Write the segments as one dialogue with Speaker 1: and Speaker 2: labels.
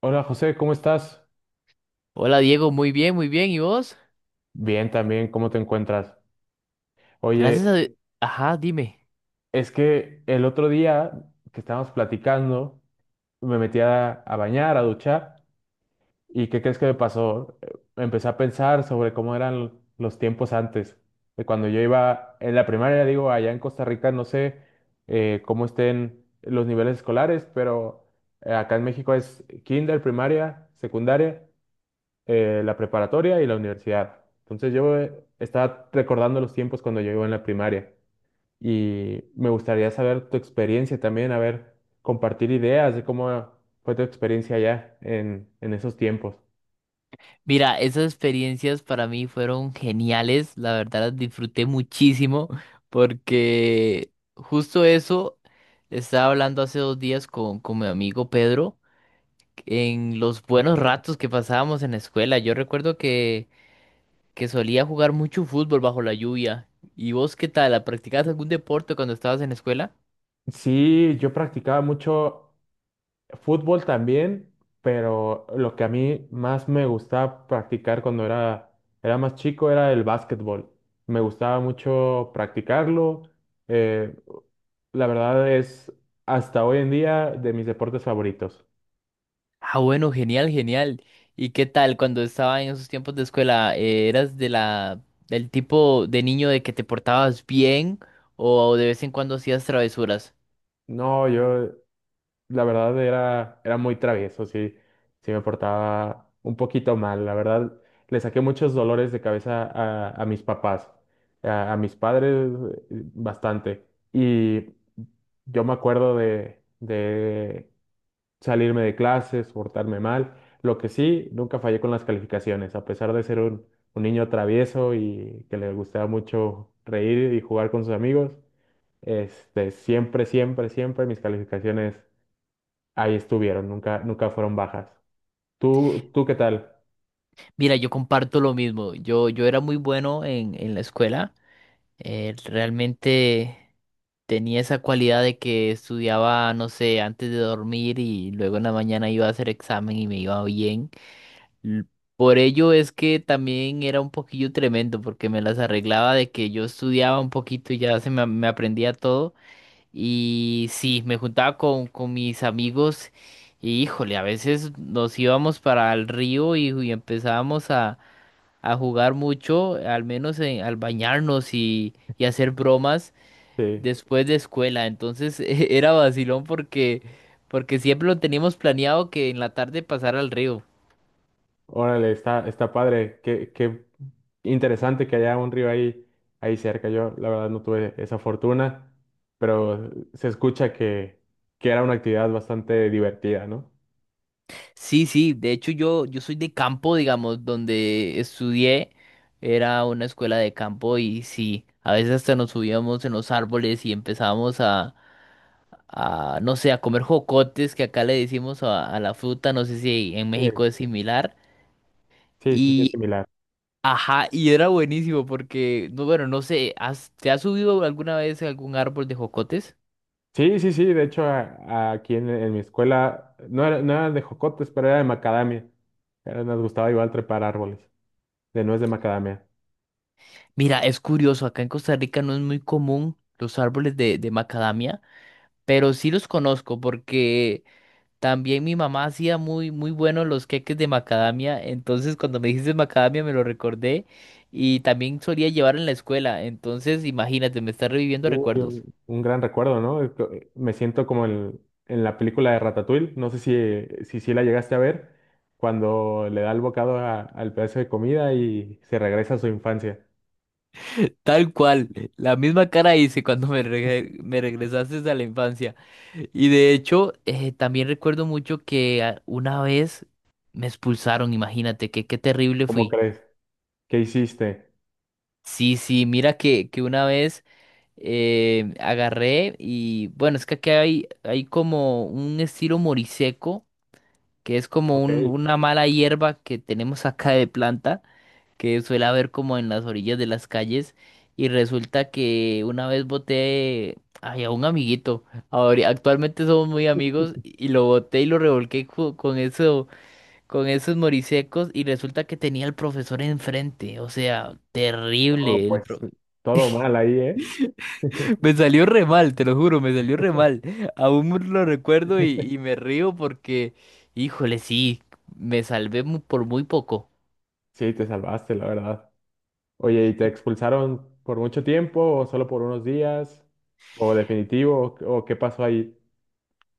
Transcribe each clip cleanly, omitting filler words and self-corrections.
Speaker 1: Hola José, ¿cómo estás?
Speaker 2: Hola Diego, muy bien, muy bien. ¿Y vos?
Speaker 1: Bien también, ¿cómo te encuentras?
Speaker 2: Gracias.
Speaker 1: Oye,
Speaker 2: Sí. Ajá, dime.
Speaker 1: es que el otro día que estábamos platicando, me metí a bañar, a duchar, ¿y qué crees que me pasó? Empecé a pensar sobre cómo eran los tiempos antes, de cuando yo iba en la primaria, digo, allá en Costa Rica, no sé cómo estén los niveles escolares, pero acá en México es kinder, primaria, secundaria, la preparatoria y la universidad. Entonces yo estaba recordando los tiempos cuando yo iba en la primaria y me gustaría saber tu experiencia también, a ver, compartir ideas de cómo fue tu experiencia allá en esos tiempos.
Speaker 2: Mira, esas experiencias para mí fueron geniales, la verdad las disfruté muchísimo porque justo eso estaba hablando hace 2 días con mi amigo Pedro en los buenos
Speaker 1: Ok.
Speaker 2: ratos que pasábamos en la escuela. Yo recuerdo que solía jugar mucho fútbol bajo la lluvia. ¿Y vos qué tal? ¿Practicabas algún deporte cuando estabas en la escuela?
Speaker 1: Sí, yo practicaba mucho fútbol también, pero lo que a mí más me gustaba practicar era más chico era el básquetbol. Me gustaba mucho practicarlo. eh, La verdad es, hasta hoy en día, de mis deportes favoritos.
Speaker 2: Ah, bueno, genial, genial. ¿Y qué tal cuando estaba en esos tiempos de escuela? ¿Eras de la del tipo de niño de que te portabas bien o de vez en cuando hacías travesuras?
Speaker 1: No, yo, la verdad, era muy travieso, sí, sí me portaba un poquito mal. La verdad, le saqué muchos dolores de cabeza a mis papás, a mis padres, bastante. Y yo me acuerdo de salirme de clases, portarme mal. Lo que sí, nunca fallé con las calificaciones, a pesar de ser un niño travieso y que le gustaba mucho reír y jugar con sus amigos, este, siempre, siempre, siempre mis calificaciones ahí estuvieron, nunca, nunca fueron bajas. Tú qué tal?
Speaker 2: Mira, yo comparto lo mismo. Yo era muy bueno en la escuela. Realmente tenía esa cualidad de que estudiaba, no sé, antes de dormir y luego en la mañana iba a hacer examen y me iba bien. L- Por ello es que también era un poquillo tremendo, porque me las arreglaba de que yo estudiaba un poquito y ya se me aprendía todo. Y sí, me juntaba con mis amigos y híjole, a veces nos íbamos para el río y empezábamos a jugar mucho, al menos al bañarnos y hacer bromas
Speaker 1: Sí.
Speaker 2: después de escuela. Entonces era vacilón porque siempre lo teníamos planeado que en la tarde pasar al río.
Speaker 1: Órale, está, está padre. Qué interesante que haya un río ahí, ahí cerca. Yo, la verdad, no tuve esa fortuna, pero se escucha que era una actividad bastante divertida, ¿no?
Speaker 2: Sí, sí, de hecho yo soy de campo, digamos, donde estudié, era una escuela de campo y sí, a veces hasta nos subíamos en los árboles y empezábamos no sé, a comer jocotes, que acá le decimos a la fruta, no sé si en
Speaker 1: Sí,
Speaker 2: México es similar,
Speaker 1: sí, sí, sí, es
Speaker 2: y,
Speaker 1: similar.
Speaker 2: ajá, y era buenísimo porque, no, bueno, no sé, ¿te has subido alguna vez a algún árbol de jocotes?
Speaker 1: Sí, sí, sí. De hecho, aquí en mi escuela no era, no eran de jocotes, pero era de macadamia. Era- nos gustaba igual trepar árboles de nuez de macadamia.
Speaker 2: Mira, es curioso, acá en Costa Rica no es muy común los árboles de macadamia. Pero sí los conozco porque también mi mamá hacía muy, muy buenos los queques de macadamia, entonces cuando me dijiste macadamia me lo recordé y también solía llevar en la escuela, entonces imagínate, me está reviviendo
Speaker 1: Uy,
Speaker 2: recuerdos.
Speaker 1: un gran recuerdo, ¿no? Me siento como el- en la película de Ratatouille, no sé si, si, si la llegaste a ver, cuando le da el bocado a- al pedazo de comida y se regresa a su infancia.
Speaker 2: Tal cual, la misma cara hice cuando me regresaste a la infancia. Y de hecho, también recuerdo mucho que una vez me expulsaron, imagínate, que qué terrible
Speaker 1: ¿Cómo
Speaker 2: fui.
Speaker 1: crees? ¿Qué hiciste?
Speaker 2: Sí, sí, mira que una vez agarré y bueno, es que aquí hay como un estilo moriseco, que es como
Speaker 1: Ok,
Speaker 2: un- una mala hierba que tenemos acá de planta, que suele haber como en las orillas de las calles. Y resulta que una vez boté ay, a un amiguito, ahora, actualmente somos muy amigos, y lo boté y lo revolqué con eso, con esos morisecos y resulta que tenía al profesor enfrente, o sea,
Speaker 1: no,
Speaker 2: terrible.
Speaker 1: pues todo mal ahí, ¿eh?
Speaker 2: Me salió re mal, te lo juro, me salió re mal. Aún lo recuerdo y, y me río porque, híjole, sí, me salvé por muy poco.
Speaker 1: Sí, te salvaste, la verdad. Oye, ¿y te expulsaron por mucho tiempo o solo por unos días? ¿O definitivo? ¿O qué pasó ahí?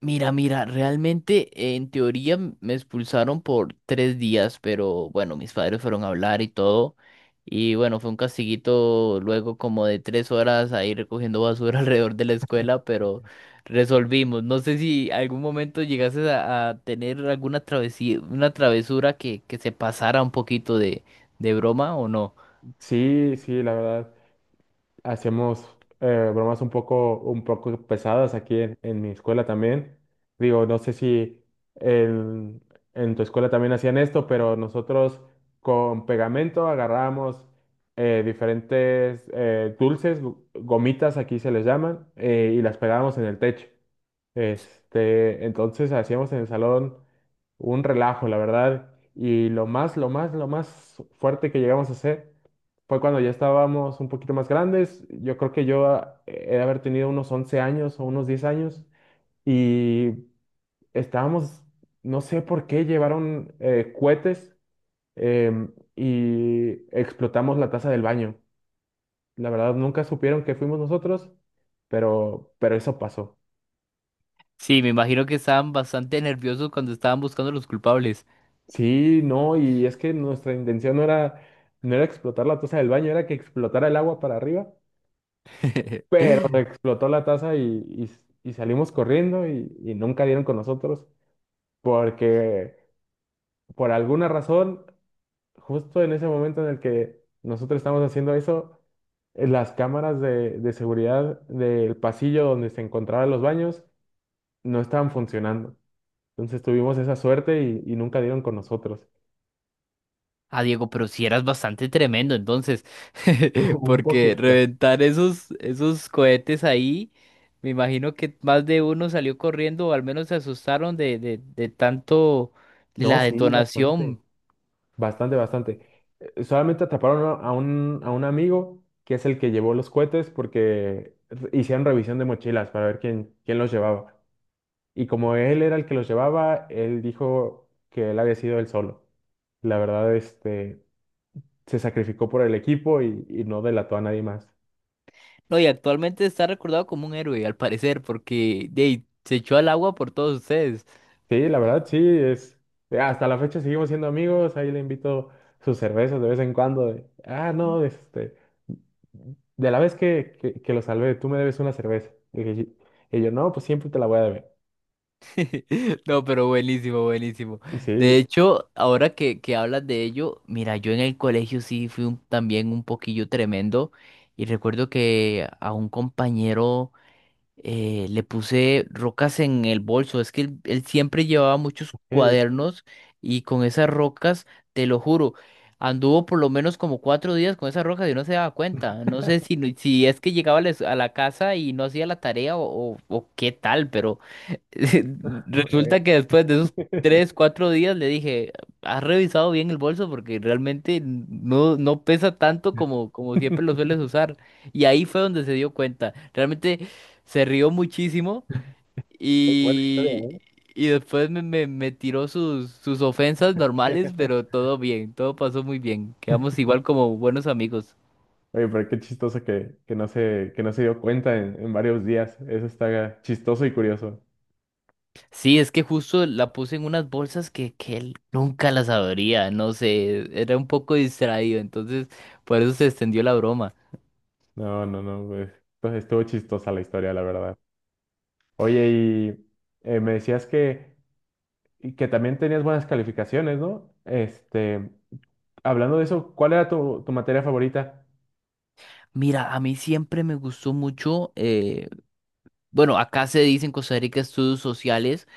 Speaker 2: Mira, mira, realmente en teoría me expulsaron por 3 días, pero bueno, mis padres fueron a hablar y todo. Y bueno, fue un castiguito luego como de 3 horas ahí recogiendo basura alrededor de la escuela, pero resolvimos. No sé si algún momento llegases a tener alguna travesía, una travesura que se pasara un poquito de broma o no.
Speaker 1: Sí, sí, la verdad, hacíamos bromas un poco pesadas aquí en mi escuela también. Digo, no sé si en, en tu escuela también hacían esto, pero nosotros con pegamento agarrábamos diferentes dulces, gu- gomitas aquí se les llaman, y las pegábamos en el techo. Este, entonces hacíamos en el salón un relajo, la verdad. Y lo más, lo más, lo más fuerte que llegamos a hacer fue cuando ya estábamos un poquito más grandes. Yo creo que yo he de haber tenido unos 11 años o unos 10 años y estábamos, no sé por qué, llevaron cohetes, y explotamos la taza del baño. La verdad, nunca supieron que fuimos nosotros, pero, eso pasó.
Speaker 2: Sí, me imagino que estaban bastante nerviosos cuando estaban buscando los culpables.
Speaker 1: Sí, no, y es que nuestra intención no era explotar la taza del baño, era que explotara el agua para arriba, pero explotó la taza y salimos corriendo y nunca dieron con nosotros porque por alguna razón, justo en ese momento en el que nosotros estamos haciendo eso, las cámaras de seguridad del pasillo donde se encontraban los baños no estaban funcionando. Entonces tuvimos esa suerte y nunca dieron con nosotros.
Speaker 2: Ah, Diego, pero si eras bastante tremendo, entonces,
Speaker 1: Un
Speaker 2: porque
Speaker 1: poquito.
Speaker 2: reventar esos cohetes ahí, me imagino que más de uno salió corriendo o al menos se asustaron de tanto de
Speaker 1: No,
Speaker 2: la
Speaker 1: sí, bastante.
Speaker 2: detonación.
Speaker 1: Bastante, bastante. Solamente atraparon a a un amigo que es el que llevó los cohetes porque r- hicieron revisión de mochilas para ver quién, quién los llevaba. Y como él era el que los llevaba, él dijo que él había sido él solo. La verdad, este, se sacrificó por el equipo y no delató a nadie más.
Speaker 2: No, y actualmente está recordado como un héroe, al parecer, porque ahí, se echó al agua por todos ustedes.
Speaker 1: Sí, la verdad, sí, es, hasta la fecha seguimos siendo amigos, ahí le invito sus cervezas de vez en cuando, de, ah, no, este, de la vez que lo salvé, tú me debes una cerveza. Y, dije, "Sí". Y yo, no, pues siempre te la voy a deber.
Speaker 2: No, pero buenísimo, buenísimo.
Speaker 1: Y
Speaker 2: De
Speaker 1: sí,
Speaker 2: hecho, ahora que hablas de ello, mira, yo en el colegio sí fui también un poquillo tremendo y recuerdo que a un compañero le puse rocas en el bolso. Es que él siempre llevaba muchos
Speaker 1: hey.
Speaker 2: cuadernos y con esas rocas, te lo juro, anduvo por lo menos como 4 días con esas rocas y no se daba cuenta. No sé si, si es que llegaba a la casa y no hacía la tarea o qué tal, pero
Speaker 1: eh,
Speaker 2: resulta que después de esos 3, 4 días le dije, ¿has revisado bien el bolso? Porque realmente no, no pesa tanto como siempre lo sueles usar. Y ahí fue donde se dio cuenta. Realmente se rió muchísimo
Speaker 1: Qué buena
Speaker 2: y,
Speaker 1: historia,
Speaker 2: y después me tiró sus ofensas
Speaker 1: ¿eh?
Speaker 2: normales, pero todo bien, todo pasó muy bien. Quedamos igual como buenos amigos.
Speaker 1: Oye, pero qué chistoso que no se dio cuenta en varios días. Eso está chistoso y curioso.
Speaker 2: Sí, es que justo la puse en unas bolsas que él nunca las abría, no sé, era un poco distraído, entonces por eso se extendió la broma.
Speaker 1: No, no, no, pues, entonces estuvo chistosa la historia, la verdad. Oye, me decías que que también tenías buenas calificaciones, ¿no? Este, hablando de eso, ¿cuál era tu materia favorita?
Speaker 2: Mira, a mí siempre me gustó mucho, bueno, acá se dice en Costa Rica estudios sociales.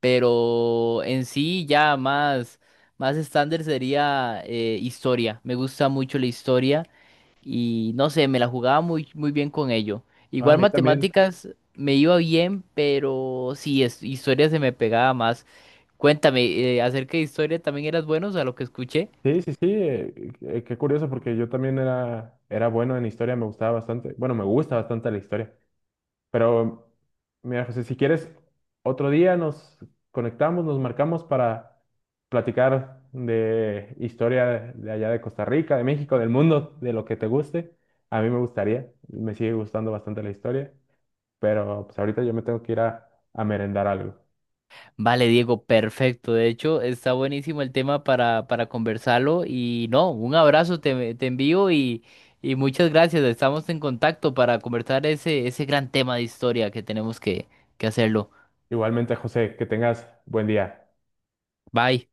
Speaker 2: Pero en sí ya más, estándar sería historia. Me gusta mucho la historia y no sé, me la jugaba muy, muy bien con ello.
Speaker 1: Ah, a
Speaker 2: Igual
Speaker 1: mí también.
Speaker 2: matemáticas me iba bien, pero sí, historia se me pegaba más. Cuéntame, acerca de historia, ¿también eras bueno a lo que escuché?
Speaker 1: Sí, sí, sí, qué curioso porque yo también era bueno en historia, me gustaba bastante, bueno, me gusta bastante la historia, pero mira, José, si quieres, otro día nos conectamos, nos marcamos para platicar de historia de allá de Costa Rica, de México, del mundo, de lo que te guste. A mí me gustaría, me sigue gustando bastante la historia, pero pues ahorita yo me tengo que ir a merendar algo.
Speaker 2: Vale, Diego, perfecto. De hecho, está buenísimo el tema para conversarlo. Y no, un abrazo te envío y muchas gracias. Estamos en contacto para conversar ese gran tema de historia que tenemos que hacerlo.
Speaker 1: Igualmente, José, que tengas buen día.
Speaker 2: Bye.